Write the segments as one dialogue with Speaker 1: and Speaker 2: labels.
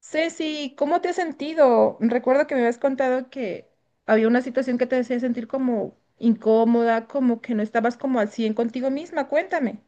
Speaker 1: Ceci, ¿cómo te has sentido? Recuerdo que me habías contado que había una situación que te hacía sentir como incómoda, como que no estabas como al 100 contigo misma. Cuéntame.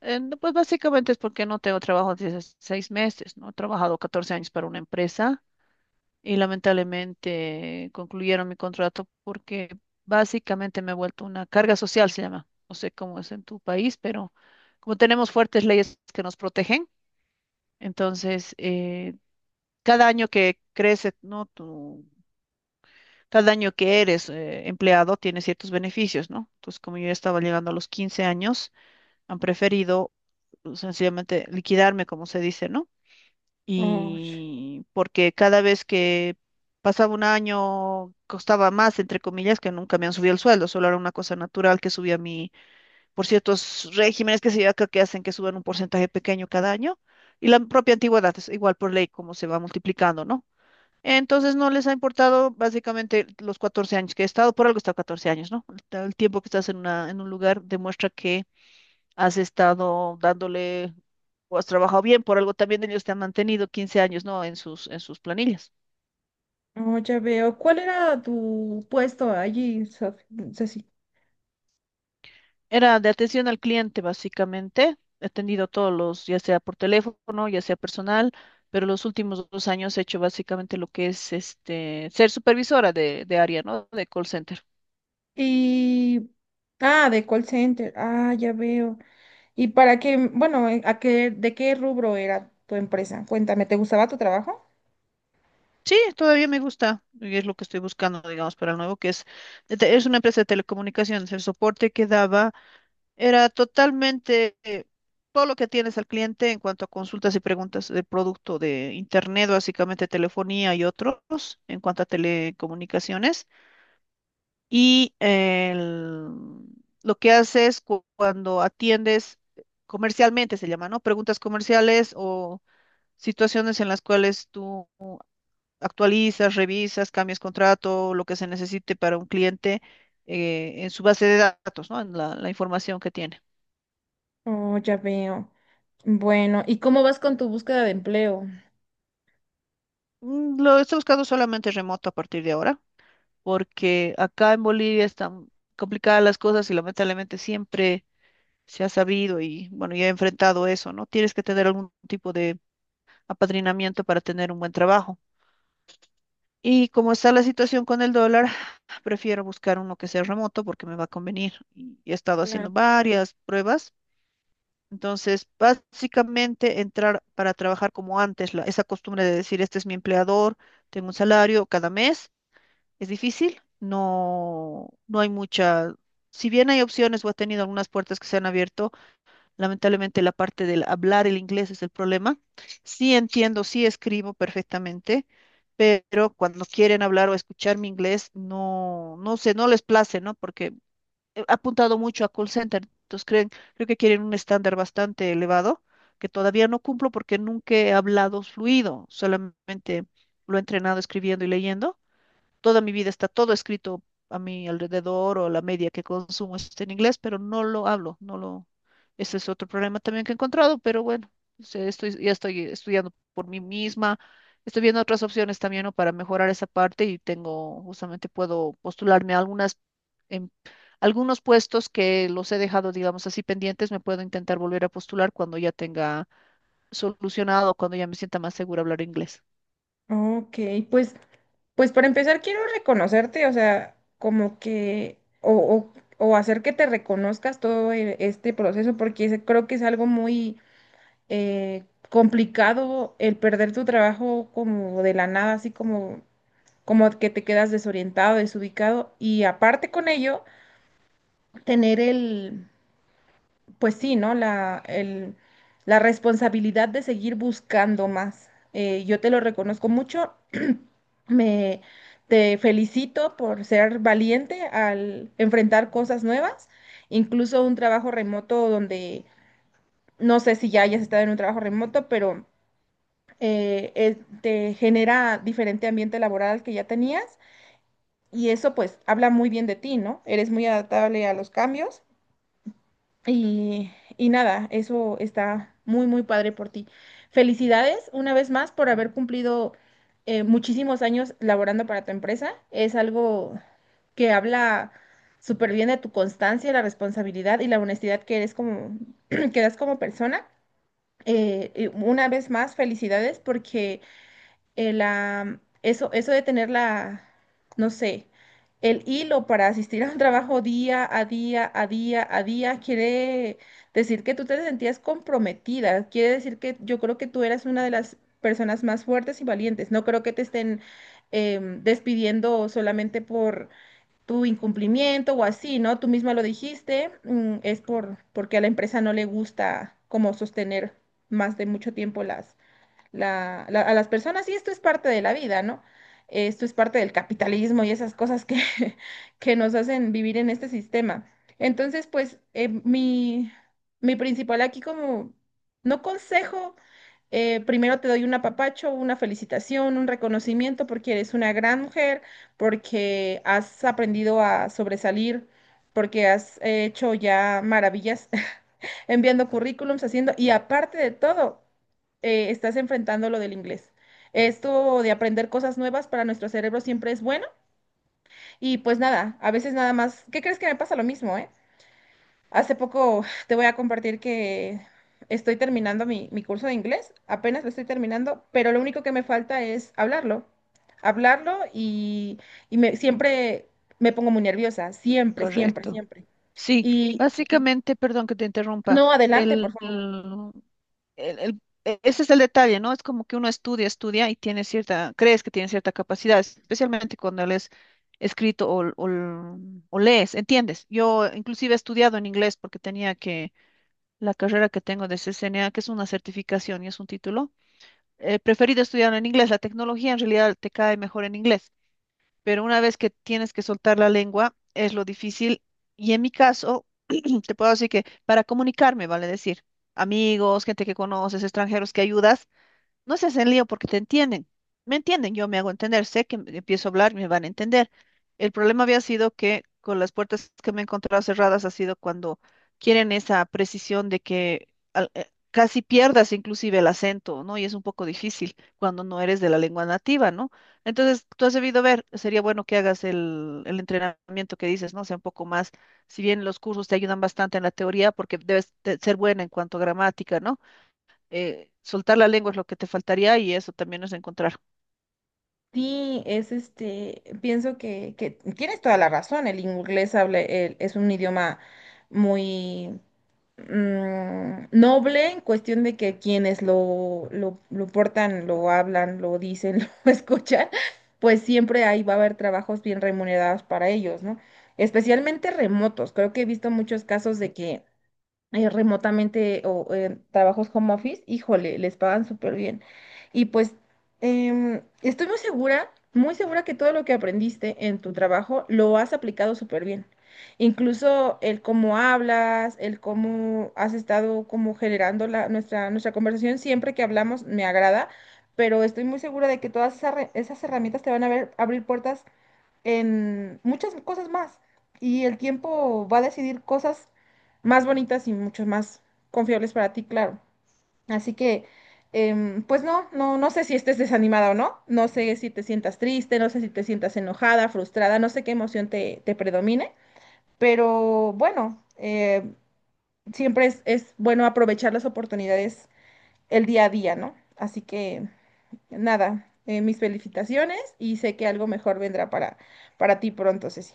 Speaker 2: No, pues básicamente es porque no tengo trabajo desde hace 6 meses, ¿no? He trabajado 14 años para una empresa y lamentablemente concluyeron mi contrato porque básicamente me he vuelto una carga social, se llama. No sé cómo es en tu país, pero como tenemos fuertes leyes que nos protegen, entonces cada año que crece, ¿no? Cada año que eres empleado tiene ciertos beneficios, ¿no? Entonces, como yo ya estaba llegando a los 15 años, han preferido pues, sencillamente liquidarme, como se dice, ¿no?
Speaker 1: Oh,
Speaker 2: Y porque cada vez que pasaba un año costaba más, entre comillas, que nunca me han subido el sueldo, solo era una cosa natural que subía mi, por ciertos regímenes que se lleva acá que hacen que suban un porcentaje pequeño cada año, y la propia antigüedad es igual por ley como se va multiplicando, ¿no? Entonces no les ha importado básicamente los 14 años que he estado, por algo he estado 14 años, ¿no? El tiempo que estás en un lugar demuestra que has estado dándole o has trabajado bien, por algo también ellos te han mantenido 15 años, ¿no? En sus planillas.
Speaker 1: oh, ya veo. ¿Cuál era tu puesto allí, Ceci?
Speaker 2: Era de atención al cliente, básicamente. He atendido todos los, ya sea por teléfono, ya sea personal, pero los últimos 2 años he hecho básicamente lo que es este, ser supervisora de área, ¿no? De call center.
Speaker 1: Y... Ah, de call center. Ah, ya veo. ¿Y para qué, bueno, a qué, de qué rubro era tu empresa? Cuéntame, ¿te gustaba tu trabajo?
Speaker 2: Sí, todavía me gusta y es lo que estoy buscando, digamos, para el nuevo, que es, es una empresa de telecomunicaciones. El soporte que daba era totalmente todo lo que tienes al cliente en cuanto a consultas y preguntas de producto de Internet, básicamente telefonía y otros, en cuanto a telecomunicaciones. Y el- lo que haces cuando atiendes comercialmente, se llama, ¿no? Preguntas comerciales o situaciones en las cuales tú actualizas, revisas, cambias contrato, lo que se necesite para un cliente en su base de datos, ¿no? En la información que tiene.
Speaker 1: Oh, ya veo. Bueno, ¿y cómo vas con tu búsqueda de empleo?
Speaker 2: Lo estoy buscando solamente remoto a partir de ahora, porque acá en Bolivia están complicadas las cosas y lamentablemente siempre se ha sabido y bueno, ya he enfrentado eso, ¿no? Tienes que tener algún tipo de apadrinamiento para tener un buen trabajo. Y como está la situación con el dólar, prefiero buscar uno que sea remoto porque me va a convenir. Y he estado
Speaker 1: Claro.
Speaker 2: haciendo varias pruebas. Entonces, básicamente entrar para trabajar como antes, esa costumbre de decir, este es mi empleador, tengo un salario cada mes. Es difícil, no, no hay mucha, si bien hay opciones o he tenido algunas puertas que se han abierto, lamentablemente la parte del hablar el inglés es el problema. Sí entiendo, sí escribo perfectamente, pero cuando quieren hablar o escuchar mi inglés, no, no sé, no les place, ¿no? Porque he apuntado mucho a call center, entonces creo que quieren un estándar bastante elevado, que todavía no cumplo porque nunca he hablado fluido, solamente lo he entrenado escribiendo y leyendo toda mi vida está todo escrito a mi alrededor o la media que consumo está en inglés, pero no lo hablo, no lo. Ese es otro problema también que he encontrado, pero bueno, ya estoy estudiando por mí misma, estoy viendo otras opciones también, ¿no? Para mejorar esa parte y justamente puedo postularme a em- algunos puestos que los he dejado, digamos así, pendientes, me puedo intentar volver a postular cuando ya tenga solucionado, cuando ya me sienta más segura hablar inglés.
Speaker 1: Ok, pues, pues para empezar quiero reconocerte, o sea, como que, o, o hacer que te reconozcas todo este proceso, porque ese creo que es algo muy eh, complicado el perder tu trabajo como de la nada, así como, como que te quedas desorientado, desubicado, y aparte con ello, tener el, pues sí, ¿no? La, el, la responsabilidad de seguir buscando más. Yo te lo reconozco mucho. Me Te felicito por ser valiente al enfrentar cosas nuevas, incluso un trabajo remoto donde no sé si ya hayas estado en un trabajo remoto, pero te genera diferente ambiente laboral al que ya tenías y eso pues habla muy bien de ti, ¿no? Eres muy adaptable a los cambios y, y nada, eso está muy, muy padre por ti. Felicidades una vez más por haber cumplido muchísimos años laborando para tu empresa. Es algo que habla súper bien de tu constancia, la responsabilidad y la honestidad que eres como, que das como persona. Y una vez más, felicidades porque la, eso de tener la, no sé, el hilo para asistir a un trabajo día a día, a día a día, quiere decir que tú te sentías comprometida, quiere decir que yo creo que tú eras una de las personas más fuertes y valientes. No creo que te estén despidiendo solamente por tu incumplimiento o así, ¿no? Tú misma lo dijiste, es por, porque a la empresa no le gusta como sostener más de mucho tiempo las, a las personas, y esto es parte de la vida, ¿no? Esto es parte del capitalismo y esas cosas que, que nos hacen vivir en este sistema. Entonces, pues mi, mi principal aquí como, no consejo, primero te doy un apapacho, una felicitación, un reconocimiento porque eres una gran mujer, porque has aprendido a sobresalir, porque has hecho ya maravillas enviando currículums, haciendo, y aparte de todo, estás enfrentando lo del inglés. Esto de aprender cosas nuevas para nuestro cerebro siempre es bueno. Y pues nada, a veces nada más, ¿qué crees que me pasa lo mismo, eh? Hace poco te voy a compartir que estoy terminando mi, mi curso de inglés, apenas lo estoy terminando, pero lo único que me falta es hablarlo, hablarlo y me, siempre me pongo muy nerviosa, siempre, siempre,
Speaker 2: Correcto.
Speaker 1: siempre.
Speaker 2: Sí,
Speaker 1: Y
Speaker 2: básicamente, perdón que te interrumpa,
Speaker 1: no, adelante,
Speaker 2: el,
Speaker 1: por
Speaker 2: el- ese es el detalle, ¿no? Es como que uno estudia, estudia y tiene crees que tiene cierta capacidad, especialmente cuando lees escrito o lees, ¿entiendes? Yo inclusive he estudiado en inglés porque tenía que, la carrera que tengo de CCNA, que es una certificación y es un título, he preferido estudiar en inglés, la tecnología en realidad te cae mejor en inglés pero una vez que tienes que soltar la lengua, es lo difícil. Y en mi caso, te puedo decir que para comunicarme, vale decir, amigos, gente que conoces, extranjeros que ayudas, no se hacen lío porque te entienden. Me entienden, yo me hago entender, sé que empiezo a hablar, me van a entender. El problema había sido que con las puertas que me he encontrado cerradas ha sido cuando quieren esa precisión de que casi pierdas inclusive el acento, ¿no? Y es un poco difícil cuando no eres de la lengua nativa, ¿no? Entonces, tú has debido ver, sería bueno que hagas el entrenamiento que dices, ¿no? O sea, un poco más, si bien los cursos te ayudan bastante en la teoría, porque debes de ser buena en cuanto a gramática, ¿no? Soltar la lengua es lo que te faltaría y eso también es encontrar.
Speaker 1: sí, es este, pienso que tienes toda la razón, el inglés habla, es un idioma muy noble en cuestión de que quienes lo portan, lo hablan, lo dicen, lo escuchan, pues siempre ahí va a haber trabajos bien remunerados para ellos, ¿no? Especialmente remotos, creo que he visto muchos casos de que remotamente o trabajos home office, híjole, les pagan súper bien. Y pues estoy muy segura que todo lo que aprendiste en tu trabajo lo has aplicado súper bien. Incluso el cómo hablas, el cómo has estado como generando la, nuestra, nuestra conversación, siempre que hablamos me agrada, pero estoy muy segura de que todas esas, esas herramientas te van a ver, abrir puertas en muchas cosas más. Y el tiempo va a decidir cosas más bonitas y mucho más confiables para ti, claro. Así que, pues no, no, no sé si estés desanimada o no. No sé si te sientas triste, no sé si te sientas enojada, frustrada, no sé qué emoción te, te predomine. Pero bueno, siempre es bueno aprovechar las oportunidades el día a día, ¿no? Así que nada, mis felicitaciones y sé que algo mejor vendrá para ti pronto, Ceci.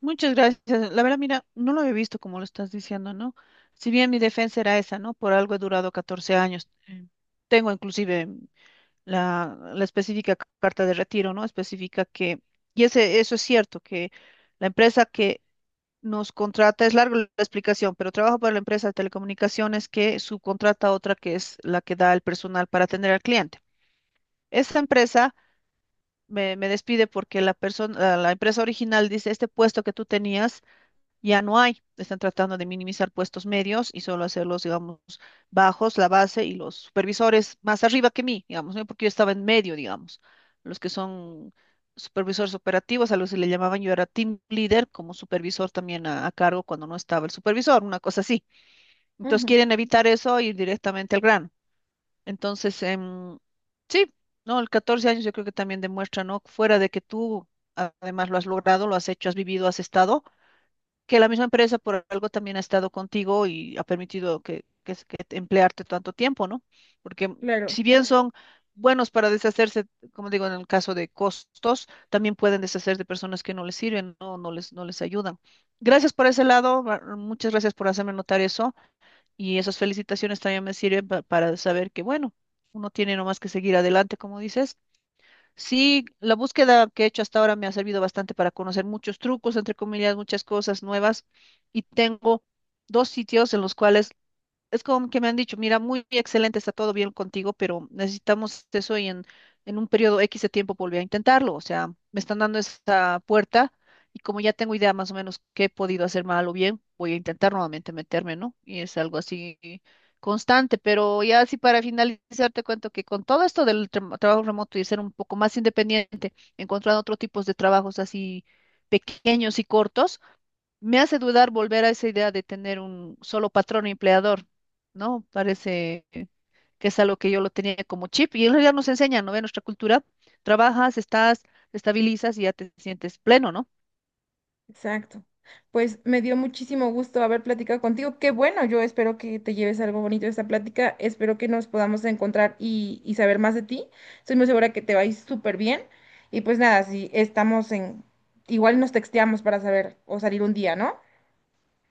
Speaker 2: Muchas gracias. La verdad, mira, no lo he visto como lo estás diciendo, ¿no? Si bien mi defensa era esa, ¿no? Por algo he durado 14 años. Tengo inclusive la específica carta de retiro, ¿no? Específica que, y eso es cierto, que la empresa que nos contrata, es larga la explicación, pero trabajo para la empresa de telecomunicaciones que subcontrata a otra que es la que da el personal para atender al cliente. Esta empresa me despide porque la persona, la empresa original dice, este puesto que tú tenías ya no hay. Están tratando de minimizar puestos medios y solo hacerlos, digamos, bajos, la base y los supervisores más arriba que mí, digamos, ¿no? Porque yo estaba en medio, digamos. Los que son supervisores operativos, a los que le llamaban yo era team leader, como supervisor también a cargo cuando no estaba el supervisor, una cosa así. Entonces
Speaker 1: Ujú,
Speaker 2: quieren evitar eso ir directamente al grano. Entonces, sí, ¿no? El 14 años yo creo que también demuestra, ¿no? Fuera de que tú además lo has logrado, lo has hecho, has vivido, has estado, que la misma empresa por algo también ha estado contigo y ha permitido que, es- que te- emplearte tanto tiempo, ¿no? Porque
Speaker 1: claro,
Speaker 2: si bien son buenos para deshacerse, como digo, en el caso de costos, también pueden deshacerse de personas que no les sirven, ¿no? No les ayudan. Gracias por ese lado, muchas gracias por hacerme notar eso. Y esas felicitaciones también me sirven para saber que, bueno, uno tiene nomás que seguir adelante, como dices. Sí, la búsqueda que he hecho hasta ahora me ha servido bastante para conocer muchos trucos, entre comillas, muchas cosas nuevas. Y tengo dos sitios en los cuales es como que me han dicho, mira, muy excelente, está todo bien contigo, pero necesitamos eso y en un periodo X de tiempo volví a intentarlo. O sea, me están dando esa puerta y como ya tengo idea más o menos qué he podido hacer mal o bien, voy a intentar nuevamente meterme, ¿no? Y es algo así constante, pero ya así para finalizar te cuento que con todo esto del trabajo remoto y ser un poco más independiente, encontrando otro tipos de trabajos así pequeños y cortos me hace dudar volver a esa idea de tener un solo patrón empleador, ¿no? Parece que es algo que yo lo tenía como chip y en realidad nos enseña, ¿no? En nuestra cultura, trabajas, estás, te estabilizas y ya te sientes pleno, ¿no?
Speaker 1: exacto. Pues me dio muchísimo gusto haber platicado contigo. Qué bueno, yo espero que te lleves algo bonito de esta plática. Espero que nos podamos encontrar y saber más de ti. Estoy muy segura que te va a ir súper bien. Y pues nada, si estamos en... Igual nos texteamos para saber o salir un día, ¿no?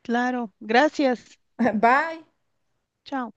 Speaker 2: Claro, gracias.
Speaker 1: Bye.
Speaker 2: Chao.